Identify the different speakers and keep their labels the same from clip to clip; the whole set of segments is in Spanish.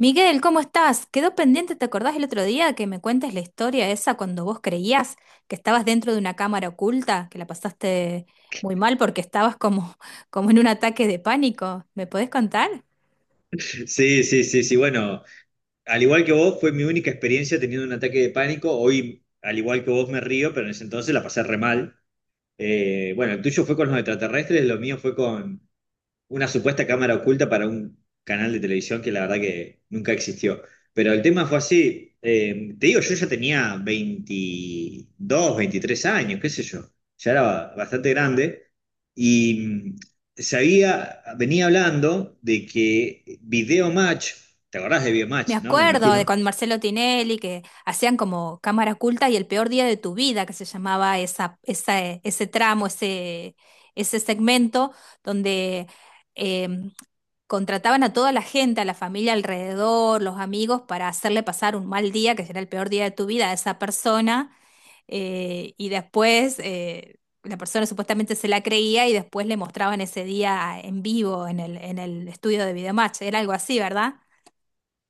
Speaker 1: Miguel, ¿cómo estás? Quedó pendiente, ¿te acordás el otro día que me cuentes la historia esa cuando vos creías que estabas dentro de una cámara oculta, que la pasaste muy mal porque estabas como, como en un ataque de pánico? ¿Me podés contar?
Speaker 2: Sí, sí, sí, sí. Bueno, al igual que vos, fue mi única experiencia teniendo un ataque de pánico. Hoy, al igual que vos, me río, pero en ese entonces la pasé re mal. Bueno, el tuyo fue con los extraterrestres, lo mío fue con una supuesta cámara oculta para un canal de televisión que la verdad que nunca existió. Pero el tema fue así, te digo, yo ya tenía 22 23 años, qué sé yo, ya era bastante grande y sabía, venía hablando de que Video Match, ¿te acordás de Video
Speaker 1: Me
Speaker 2: Match, no? Me
Speaker 1: acuerdo de
Speaker 2: imagino.
Speaker 1: con Marcelo Tinelli que hacían como cámara oculta y el peor día de tu vida, que se llamaba ese tramo, ese segmento donde em, contrataban a toda la gente, a la familia alrededor, los amigos, para hacerle pasar un mal día, que será el peor día de tu vida, a esa persona, y después la persona supuestamente se la creía y después le mostraban ese día ah, en vivo en el estudio de Videomatch. Era algo así, ¿verdad?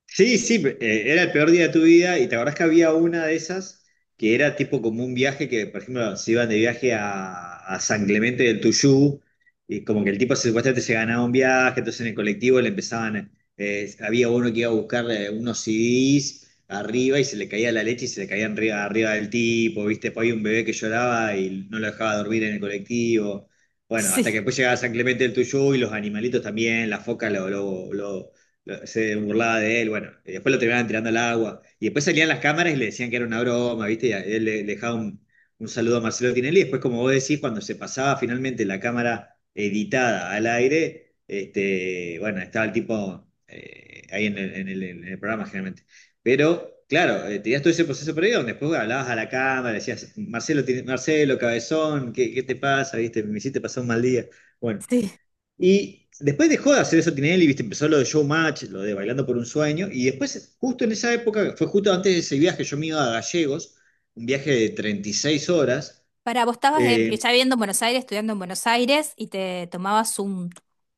Speaker 2: Sí, sí, era el peor día de tu vida y te acordás que había una de esas que era tipo como un viaje que, por ejemplo, se iban de viaje a San Clemente del Tuyú y como que el tipo supuestamente se ganaba un viaje, entonces en el colectivo le empezaban, había uno que iba a buscar unos CDs arriba y se le caía la leche y se le caían arriba del tipo, ¿viste? Después había un bebé que lloraba y no lo dejaba dormir en el colectivo. Bueno,
Speaker 1: Sí,
Speaker 2: hasta que después llegaba San Clemente del Tuyú y los animalitos también, la foca se burlaba de él, bueno, y después lo terminaban tirando al agua. Y después salían las cámaras y le decían que era una broma, ¿viste? Él le dejaba un saludo a Marcelo Tinelli. Y después, como vos decís, cuando se pasaba finalmente la cámara editada al aire, este, bueno, estaba el tipo ahí en en el programa generalmente. Pero, claro, tenías todo ese proceso previo donde después hablabas a la cámara, decías, Marcelo, Marcelo, cabezón, ¿qué te pasa? ¿Viste? Me hiciste pasar un mal día. Bueno,
Speaker 1: sí.
Speaker 2: y después dejó de hacer eso Tinelli, ¿viste? Empezó lo de Showmatch, lo de Bailando por un Sueño. Y después, justo en esa época, fue justo antes de ese viaje, yo me iba a Gallegos, un viaje de 36 horas.
Speaker 1: Para vos estabas en- ya
Speaker 2: eh,
Speaker 1: viviendo en Buenos Aires, estudiando en Buenos Aires y te tomabas un...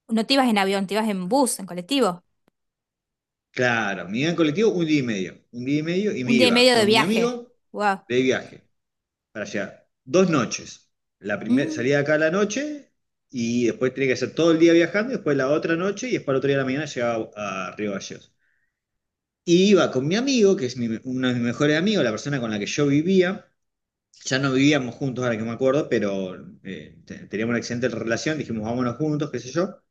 Speaker 1: No te ibas en avión, te ibas en bus, en colectivo.
Speaker 2: claro, me iba en colectivo un día y medio. Un día y medio y me
Speaker 1: Un día y
Speaker 2: iba
Speaker 1: medio de
Speaker 2: con mi
Speaker 1: viaje.
Speaker 2: amigo
Speaker 1: Wow.
Speaker 2: de viaje para allá. Dos noches. La primera salía de acá a la noche y después tenía que hacer todo el día viajando y después la otra noche y después el otro día de la mañana llegaba a Río Gallegos. Y iba con mi amigo, que es uno de mis mejores amigos, la persona con la que yo vivía. Ya no vivíamos juntos, ahora que me acuerdo, pero teníamos una excelente relación. Dijimos, vámonos juntos, qué sé yo.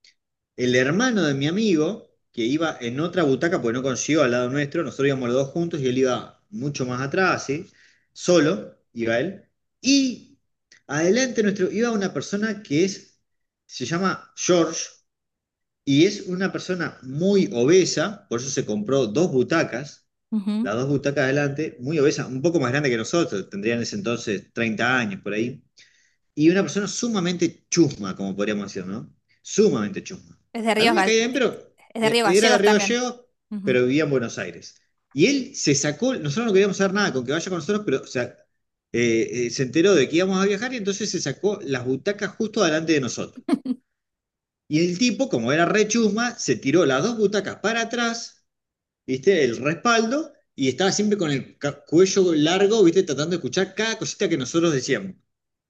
Speaker 2: El hermano de mi amigo, que iba en otra butaca, porque no consiguió al lado nuestro, nosotros íbamos los dos juntos y él iba mucho más atrás, así, solo, iba él. Y adelante nuestro iba una persona que es, se llama George, y es una persona muy obesa, por eso se compró dos butacas, las dos butacas adelante, muy obesa, un poco más grande que nosotros, tendría en ese entonces 30 años por ahí. Y una persona sumamente chusma, como podríamos decir, ¿no? Sumamente chusma.
Speaker 1: Es de
Speaker 2: A mí
Speaker 1: Ríos,
Speaker 2: me
Speaker 1: Ga-
Speaker 2: caía bien, pero
Speaker 1: es de Río
Speaker 2: era de
Speaker 1: Gallegos
Speaker 2: Río
Speaker 1: también.
Speaker 2: Gallegos,
Speaker 1: Ujú.
Speaker 2: pero vivía en Buenos Aires. Y él se sacó, nosotros no queríamos hacer nada con que vaya con nosotros, pero o sea, se enteró de que íbamos a viajar y entonces se sacó las butacas justo delante de nosotros. Y el tipo, como era rechusma, se tiró las dos butacas para atrás, ¿viste? El respaldo, y estaba siempre con el cuello largo, ¿viste? Tratando de escuchar cada cosita que nosotros decíamos.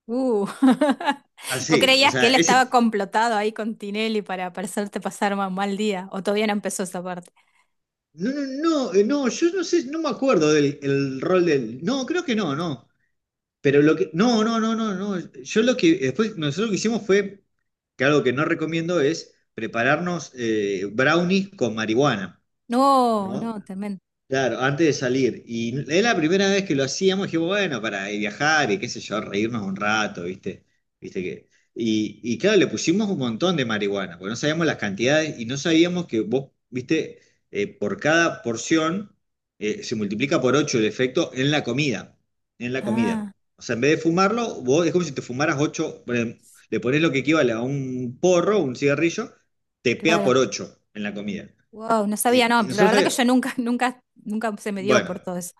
Speaker 1: Uh. ¿Vos
Speaker 2: Así, o
Speaker 1: creías que
Speaker 2: sea,
Speaker 1: él
Speaker 2: ese...
Speaker 1: estaba complotado ahí con Tinelli para hacerte pasar un mal día? ¿O todavía no empezó esa parte?
Speaker 2: No, no, no, no, yo no sé, no me acuerdo del el rol del... No, creo que no, no. Pero lo que... No, no, no, no, no. Yo lo que... Después, nosotros lo que hicimos fue que algo que no recomiendo es prepararnos brownies con marihuana,
Speaker 1: No,
Speaker 2: ¿no?
Speaker 1: no, tremendo.
Speaker 2: Claro, antes de salir. Y es la primera vez que lo hacíamos, dije, bueno, para viajar y qué sé yo, reírnos un rato, ¿viste? ¿Viste que? Y claro, le pusimos un montón de marihuana, porque no sabíamos las cantidades y no sabíamos que vos, ¿viste? Por cada porción se multiplica por 8 el efecto en la comida, en la comida.
Speaker 1: Ah,
Speaker 2: O sea, en vez de fumarlo, vos es como si te fumaras ocho, le pones lo que equivale a un porro, un cigarrillo, te pega por
Speaker 1: claro.
Speaker 2: 8 en la comida.
Speaker 1: Wow, no sabía,
Speaker 2: Eh,
Speaker 1: no.
Speaker 2: y
Speaker 1: La
Speaker 2: nosotros,
Speaker 1: verdad que yo nunca, nunca, nunca se me dio
Speaker 2: bueno.
Speaker 1: por todo eso.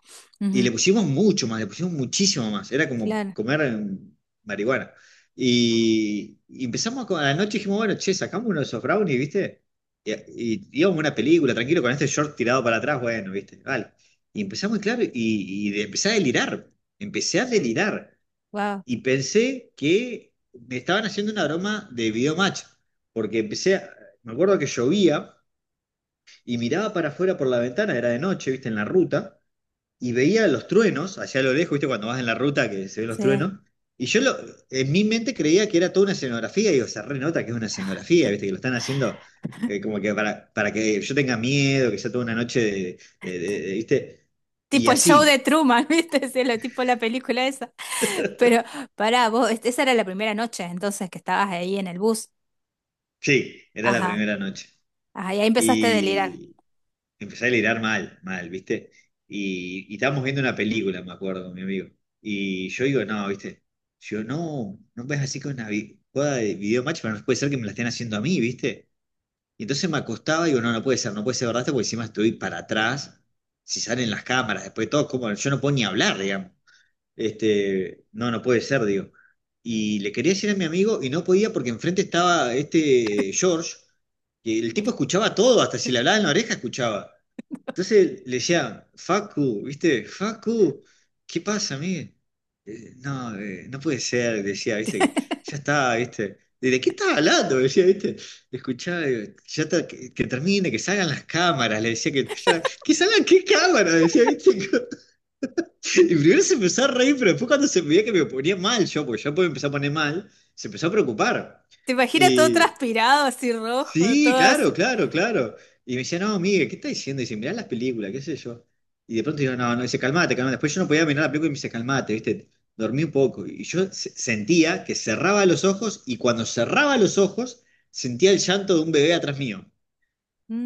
Speaker 2: Y
Speaker 1: Ujú.
Speaker 2: le pusimos mucho más, le pusimos muchísimo más. Era como
Speaker 1: Claro,
Speaker 2: comer marihuana. Y empezamos, a la noche dijimos, bueno, che, sacamos uno de esos brownies, ¿viste? Y íbamos a una película, tranquilo, con este short tirado para atrás, bueno, ¿viste? Vale. Y empezamos, claro, empecé a delirar. Empecé a delirar.
Speaker 1: wow.
Speaker 2: Y pensé que me estaban haciendo una broma de videomatch. Porque empecé, me acuerdo que llovía y miraba para afuera por la ventana, era de noche, ¿viste? En la ruta y veía los truenos allá a lo lejos, ¿viste? Cuando vas en la ruta que se ven los
Speaker 1: Sí.
Speaker 2: truenos. Y yo en mi mente creía que era toda una escenografía, y digo, se renota que es una escenografía, ¿viste? Que lo están haciendo como que para que yo tenga miedo, que sea toda una noche ¿viste? Y
Speaker 1: Tipo el show de
Speaker 2: así,
Speaker 1: Truman, ¿viste? Sí, lo, tipo la película esa. Pero pará, vos, es- esa era la primera noche entonces que estabas ahí en el bus.
Speaker 2: sí, era la
Speaker 1: Ajá,
Speaker 2: primera noche.
Speaker 1: ajá, y ahí empezaste a delirar.
Speaker 2: Empecé a delirar mal, mal, ¿viste? Y estábamos viendo una película, me acuerdo, con mi amigo. Y yo digo, no, ¿viste? Yo, no, no ves así con una jugada de video match, pero no puede ser que me la estén haciendo a mí, ¿viste? Y entonces me acostaba y digo, no, no puede ser, no puede ser verdad, esto, porque encima estoy para atrás. Si salen las cámaras, después de todo, como yo no puedo ni hablar, digamos. Este, no, no puede ser, digo. Y le quería decir a mi amigo y no podía porque enfrente estaba este George, que el
Speaker 1: ¿Te
Speaker 2: tipo escuchaba todo, hasta si le hablaba en la oreja escuchaba. Entonces le decía, Facu, ¿viste? Facu, ¿qué pasa, amigo? No, no puede ser, decía, ¿viste? Que ya está, ¿viste? ¿De qué estás hablando? Decía, ¿viste? Escuchá, digo, ya está, que termine, que salgan las cámaras, le decía que ¿que salgan qué cámaras? Decía, ¿viste? Y primero se empezó a reír, pero después cuando se veía que me ponía mal yo, porque yo me empecé a poner mal, se empezó a preocupar.
Speaker 1: imaginas todo transpirado, así rojo,
Speaker 2: Sí,
Speaker 1: todo
Speaker 2: claro,
Speaker 1: así?
Speaker 2: claro, claro. Y me decía, no, Miguel, ¿qué estás diciendo? Y dice, mirá las películas, qué sé yo. Y de pronto yo, no, no, dice, calmate, calmate. Después yo no podía mirar la película y me dice, calmate, ¿viste? Dormí un poco. Y yo sentía que cerraba los ojos y cuando cerraba los ojos sentía el llanto de un bebé atrás mío.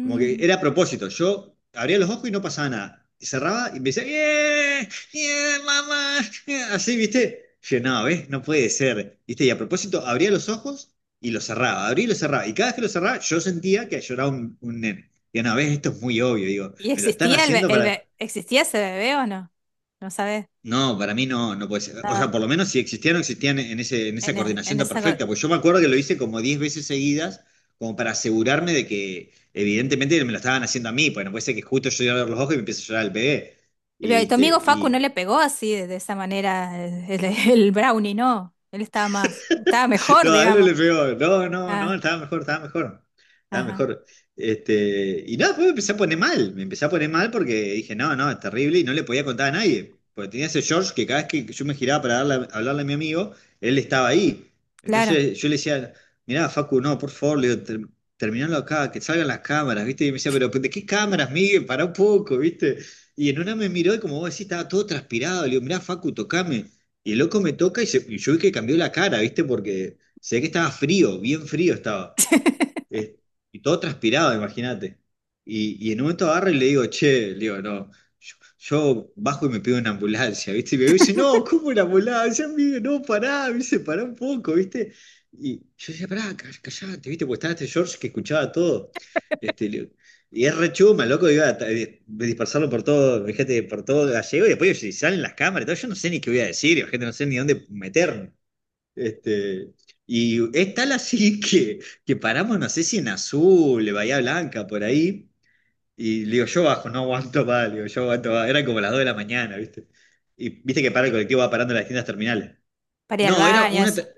Speaker 2: Como que era a propósito. Yo abría los ojos y no pasaba nada. Y cerraba y me decía, ¡Yeah! ¡Yeah, mamá! yeah", así, ¿viste? Yo, no, ¿ves? No puede ser. ¿Viste? Y a propósito, abría los ojos y los cerraba. Abría y los cerraba. Y cada vez que los cerraba, yo sentía que lloraba un nene. Y una ves esto es muy obvio. Digo,
Speaker 1: ¿Y
Speaker 2: me lo están
Speaker 1: existía
Speaker 2: haciendo
Speaker 1: el
Speaker 2: para...
Speaker 1: be- existía ese bebé o no? No sabes
Speaker 2: No, para mí no, no puede ser. O
Speaker 1: nada.
Speaker 2: sea, por lo menos si existían o existían en en esa
Speaker 1: En, es-
Speaker 2: coordinación
Speaker 1: en
Speaker 2: tan
Speaker 1: esa... co-
Speaker 2: perfecta. Pues yo me acuerdo que lo hice como 10 veces seguidas, como para asegurarme de que evidentemente me lo estaban haciendo a mí, pues no puede ser que justo yo iba a ver los ojos y me empiece a llorar el bebé.
Speaker 1: Y ve-
Speaker 2: Y,
Speaker 1: tu
Speaker 2: este,
Speaker 1: amigo Facu no
Speaker 2: y,
Speaker 1: le pegó así, de esa manera, el brownie, no. Él estaba más, estaba mejor,
Speaker 2: no, a él no
Speaker 1: digamos.
Speaker 2: le pegó. No, no, no,
Speaker 1: Ah,
Speaker 2: estaba mejor, estaba mejor. Estaba
Speaker 1: ajá,
Speaker 2: mejor. Este, y nada, después me empecé a poner mal. Me empecé a poner mal porque dije, no, no, es terrible y no le podía contar a nadie. Porque tenía ese George que cada vez que yo me giraba para hablarle a mi amigo, él estaba ahí.
Speaker 1: claro.
Speaker 2: Entonces yo le decía, mirá, Facu, no, por favor, le digo, terminalo acá, que salgan las cámaras, ¿viste? Y me decía, pero ¿de qué cámaras, Miguel? Pará un poco, ¿viste? Y en una me miró y como vos decís, estaba todo transpirado. Le digo, mirá, Facu, tocame. Y el loco me toca y, y yo vi que cambió la cara, ¿viste? Porque se ve que estaba frío, bien frío estaba. eh, y todo transpirado, imagínate. Y en un momento agarro y le digo, che, le digo, no, yo bajo y me pido una ambulancia, ¿viste? Y me dice, no, ¿cómo una ambulancia? Amigo? No, pará, me dice, pará un poco, ¿viste? Y yo decía, pará, callate, ¿viste? Porque estaba este George que escuchaba todo. Este, le- y es re chuma, loco, iba a ta- de dispersarlo por todo, fíjate, por todo gallego, y después si salen las cámaras y todo, yo no sé ni qué voy a decir, gente, no sé ni dónde meterme. Este, y es tal así que paramos, no sé si en Azul, de Bahía Blanca, por ahí. Y le digo, yo bajo, no aguanto más, le digo, yo aguanto más. Eran como las 2 de la mañana, ¿viste? Y viste que para el colectivo va parando en las distintas terminales.
Speaker 1: Para ir al
Speaker 2: No, era
Speaker 1: baño,
Speaker 2: una
Speaker 1: eso.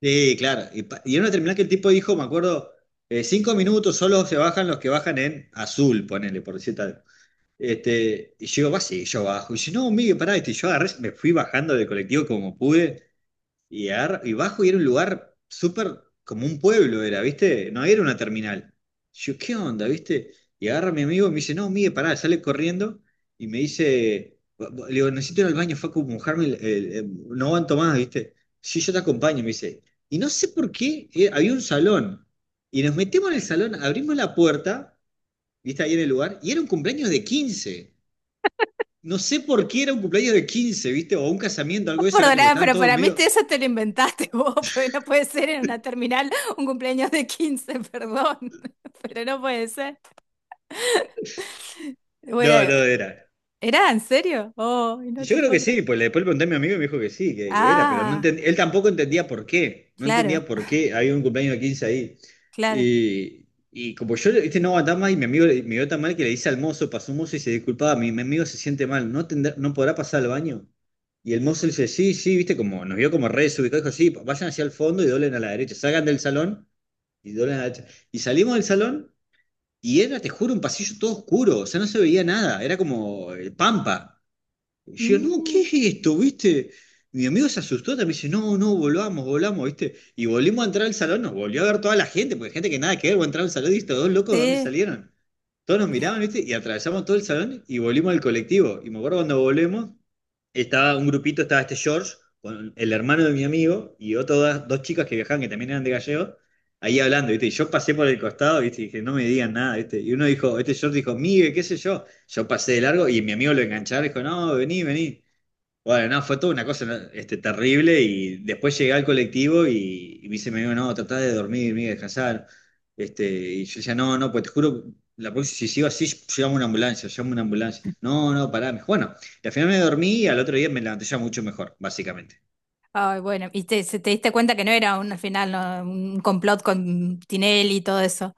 Speaker 2: Sí, claro. Y, y era una terminal que el tipo dijo, me acuerdo, 5 minutos solo se bajan los que bajan en Azul, ponele, por decir tal. Y yo digo, va, sí, yo bajo. Y dice, no, Miguel, pará, este, y yo agarré, me fui bajando del colectivo como pude. Y, y bajo y era un lugar súper como un pueblo, era, ¿viste? No era una terminal. Yo, ¿qué onda, viste? Y agarra a mi amigo y me dice, no, mire, pará, sale corriendo y me dice, le digo, necesito ir al baño, Facu, mojarme, no aguanto más, ¿viste? Sí, yo te acompaño, me dice. Y no sé por qué, había un salón. Y nos metemos en el salón, abrimos la puerta, ¿viste? Ahí en el lugar, y era un cumpleaños de quince. No sé por qué era un cumpleaños de quince, ¿viste? O un casamiento,
Speaker 1: No
Speaker 2: algo de eso, era como que
Speaker 1: perdonaba,
Speaker 2: estaban
Speaker 1: pero
Speaker 2: todos
Speaker 1: para mí te-
Speaker 2: medio...
Speaker 1: eso te lo inventaste vos, porque no puede ser en una terminal un cumpleaños de 15. Perdón. Pero no puede ser. Bueno,
Speaker 2: No, no era.
Speaker 1: ¿era en serio? Oh, no
Speaker 2: Yo
Speaker 1: te
Speaker 2: creo
Speaker 1: puedo
Speaker 2: que
Speaker 1: creer.
Speaker 2: sí, pues después le pregunté a mi amigo y me dijo que sí, que era, pero
Speaker 1: Ah,
Speaker 2: él tampoco entendía por qué, no
Speaker 1: claro,
Speaker 2: entendía por qué había un cumpleaños de 15 ahí.
Speaker 1: claro.
Speaker 2: Y como yo, este, no aguantaba más y mi amigo me vio tan mal que le dice al mozo, pasó un mozo y se disculpaba, mi amigo se siente mal, ¿no, no podrá pasar al baño? Y el mozo le dice, sí, sí, viste, como nos vio como re desubicado, dijo, sí, vayan hacia el fondo y doblen a la derecha, salgan del salón y doblen a la derecha. Y salimos del salón y era, te juro, un pasillo todo oscuro, o sea, no se veía nada, era como pampa. Y yo, no, ¿qué es
Speaker 1: Mm,
Speaker 2: esto? ¿Viste? Mi amigo se asustó también, dice, no, no, volvamos, volvamos, ¿viste? Y volvimos a entrar al salón, nos volvió a ver toda la gente, porque gente que nada que ver, volvió a entrar al salón y estos dos locos, ¿de dónde
Speaker 1: sí.
Speaker 2: salieron? Todos nos miraban, ¿viste? Y atravesamos todo el salón y volvimos al colectivo. Y me acuerdo, cuando volvemos, estaba un grupito, estaba este George, con el hermano de mi amigo, y otras dos chicas que viajaban, que también eran de Gallego, ahí hablando, ¿viste? Y yo pasé por el costado, ¿viste? Y dije, no me digan nada, ¿viste? Y uno dijo, este George dijo, Migue, qué sé yo. Yo pasé de largo y mi amigo lo enganchaba, dijo, no, vení, vení. Bueno, no, fue toda una cosa, ¿no? Este, terrible, y después llegué al colectivo y me dice, me dijo, no, tratá de dormir, me descansar. Y yo decía, no, no, pues te juro, la próxima, si sigo así, llamo una ambulancia, llamo una ambulancia. No, no, pará. Me dijo, bueno, y al final me dormí y al otro día me levanté ya mucho mejor, básicamente.
Speaker 1: Ay, bueno, y te, se- te diste cuenta que no era un al final, no, un complot con Tinelli y todo eso.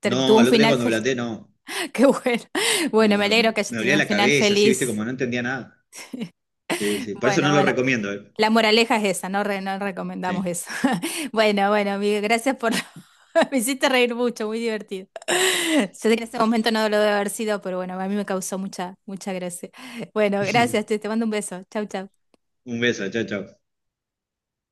Speaker 1: Ter- tuvo
Speaker 2: No,
Speaker 1: un
Speaker 2: al otro día
Speaker 1: final
Speaker 2: cuando me
Speaker 1: feliz.
Speaker 2: levanté, no,
Speaker 1: Qué bueno. Bueno,
Speaker 2: no,
Speaker 1: me
Speaker 2: no,
Speaker 1: alegro que hayas
Speaker 2: me dolía
Speaker 1: tenido un
Speaker 2: la
Speaker 1: final
Speaker 2: cabeza, así, viste,
Speaker 1: feliz.
Speaker 2: como no entendía nada. Sí, sí, por eso no
Speaker 1: Bueno,
Speaker 2: lo
Speaker 1: bueno.
Speaker 2: recomiendo, eh.
Speaker 1: La moraleja es esa, no, re- no recomendamos
Speaker 2: Sí.
Speaker 1: eso. Bueno, bueno, amigo, gracias por... Me hiciste reír mucho, muy divertido. Yo sé que en ese momento no lo debe haber sido, pero bueno, a mí me causó mucha, mucha gracia. Bueno, gracias, te mando un beso. Chau, chau.
Speaker 2: Un beso, chao, chao.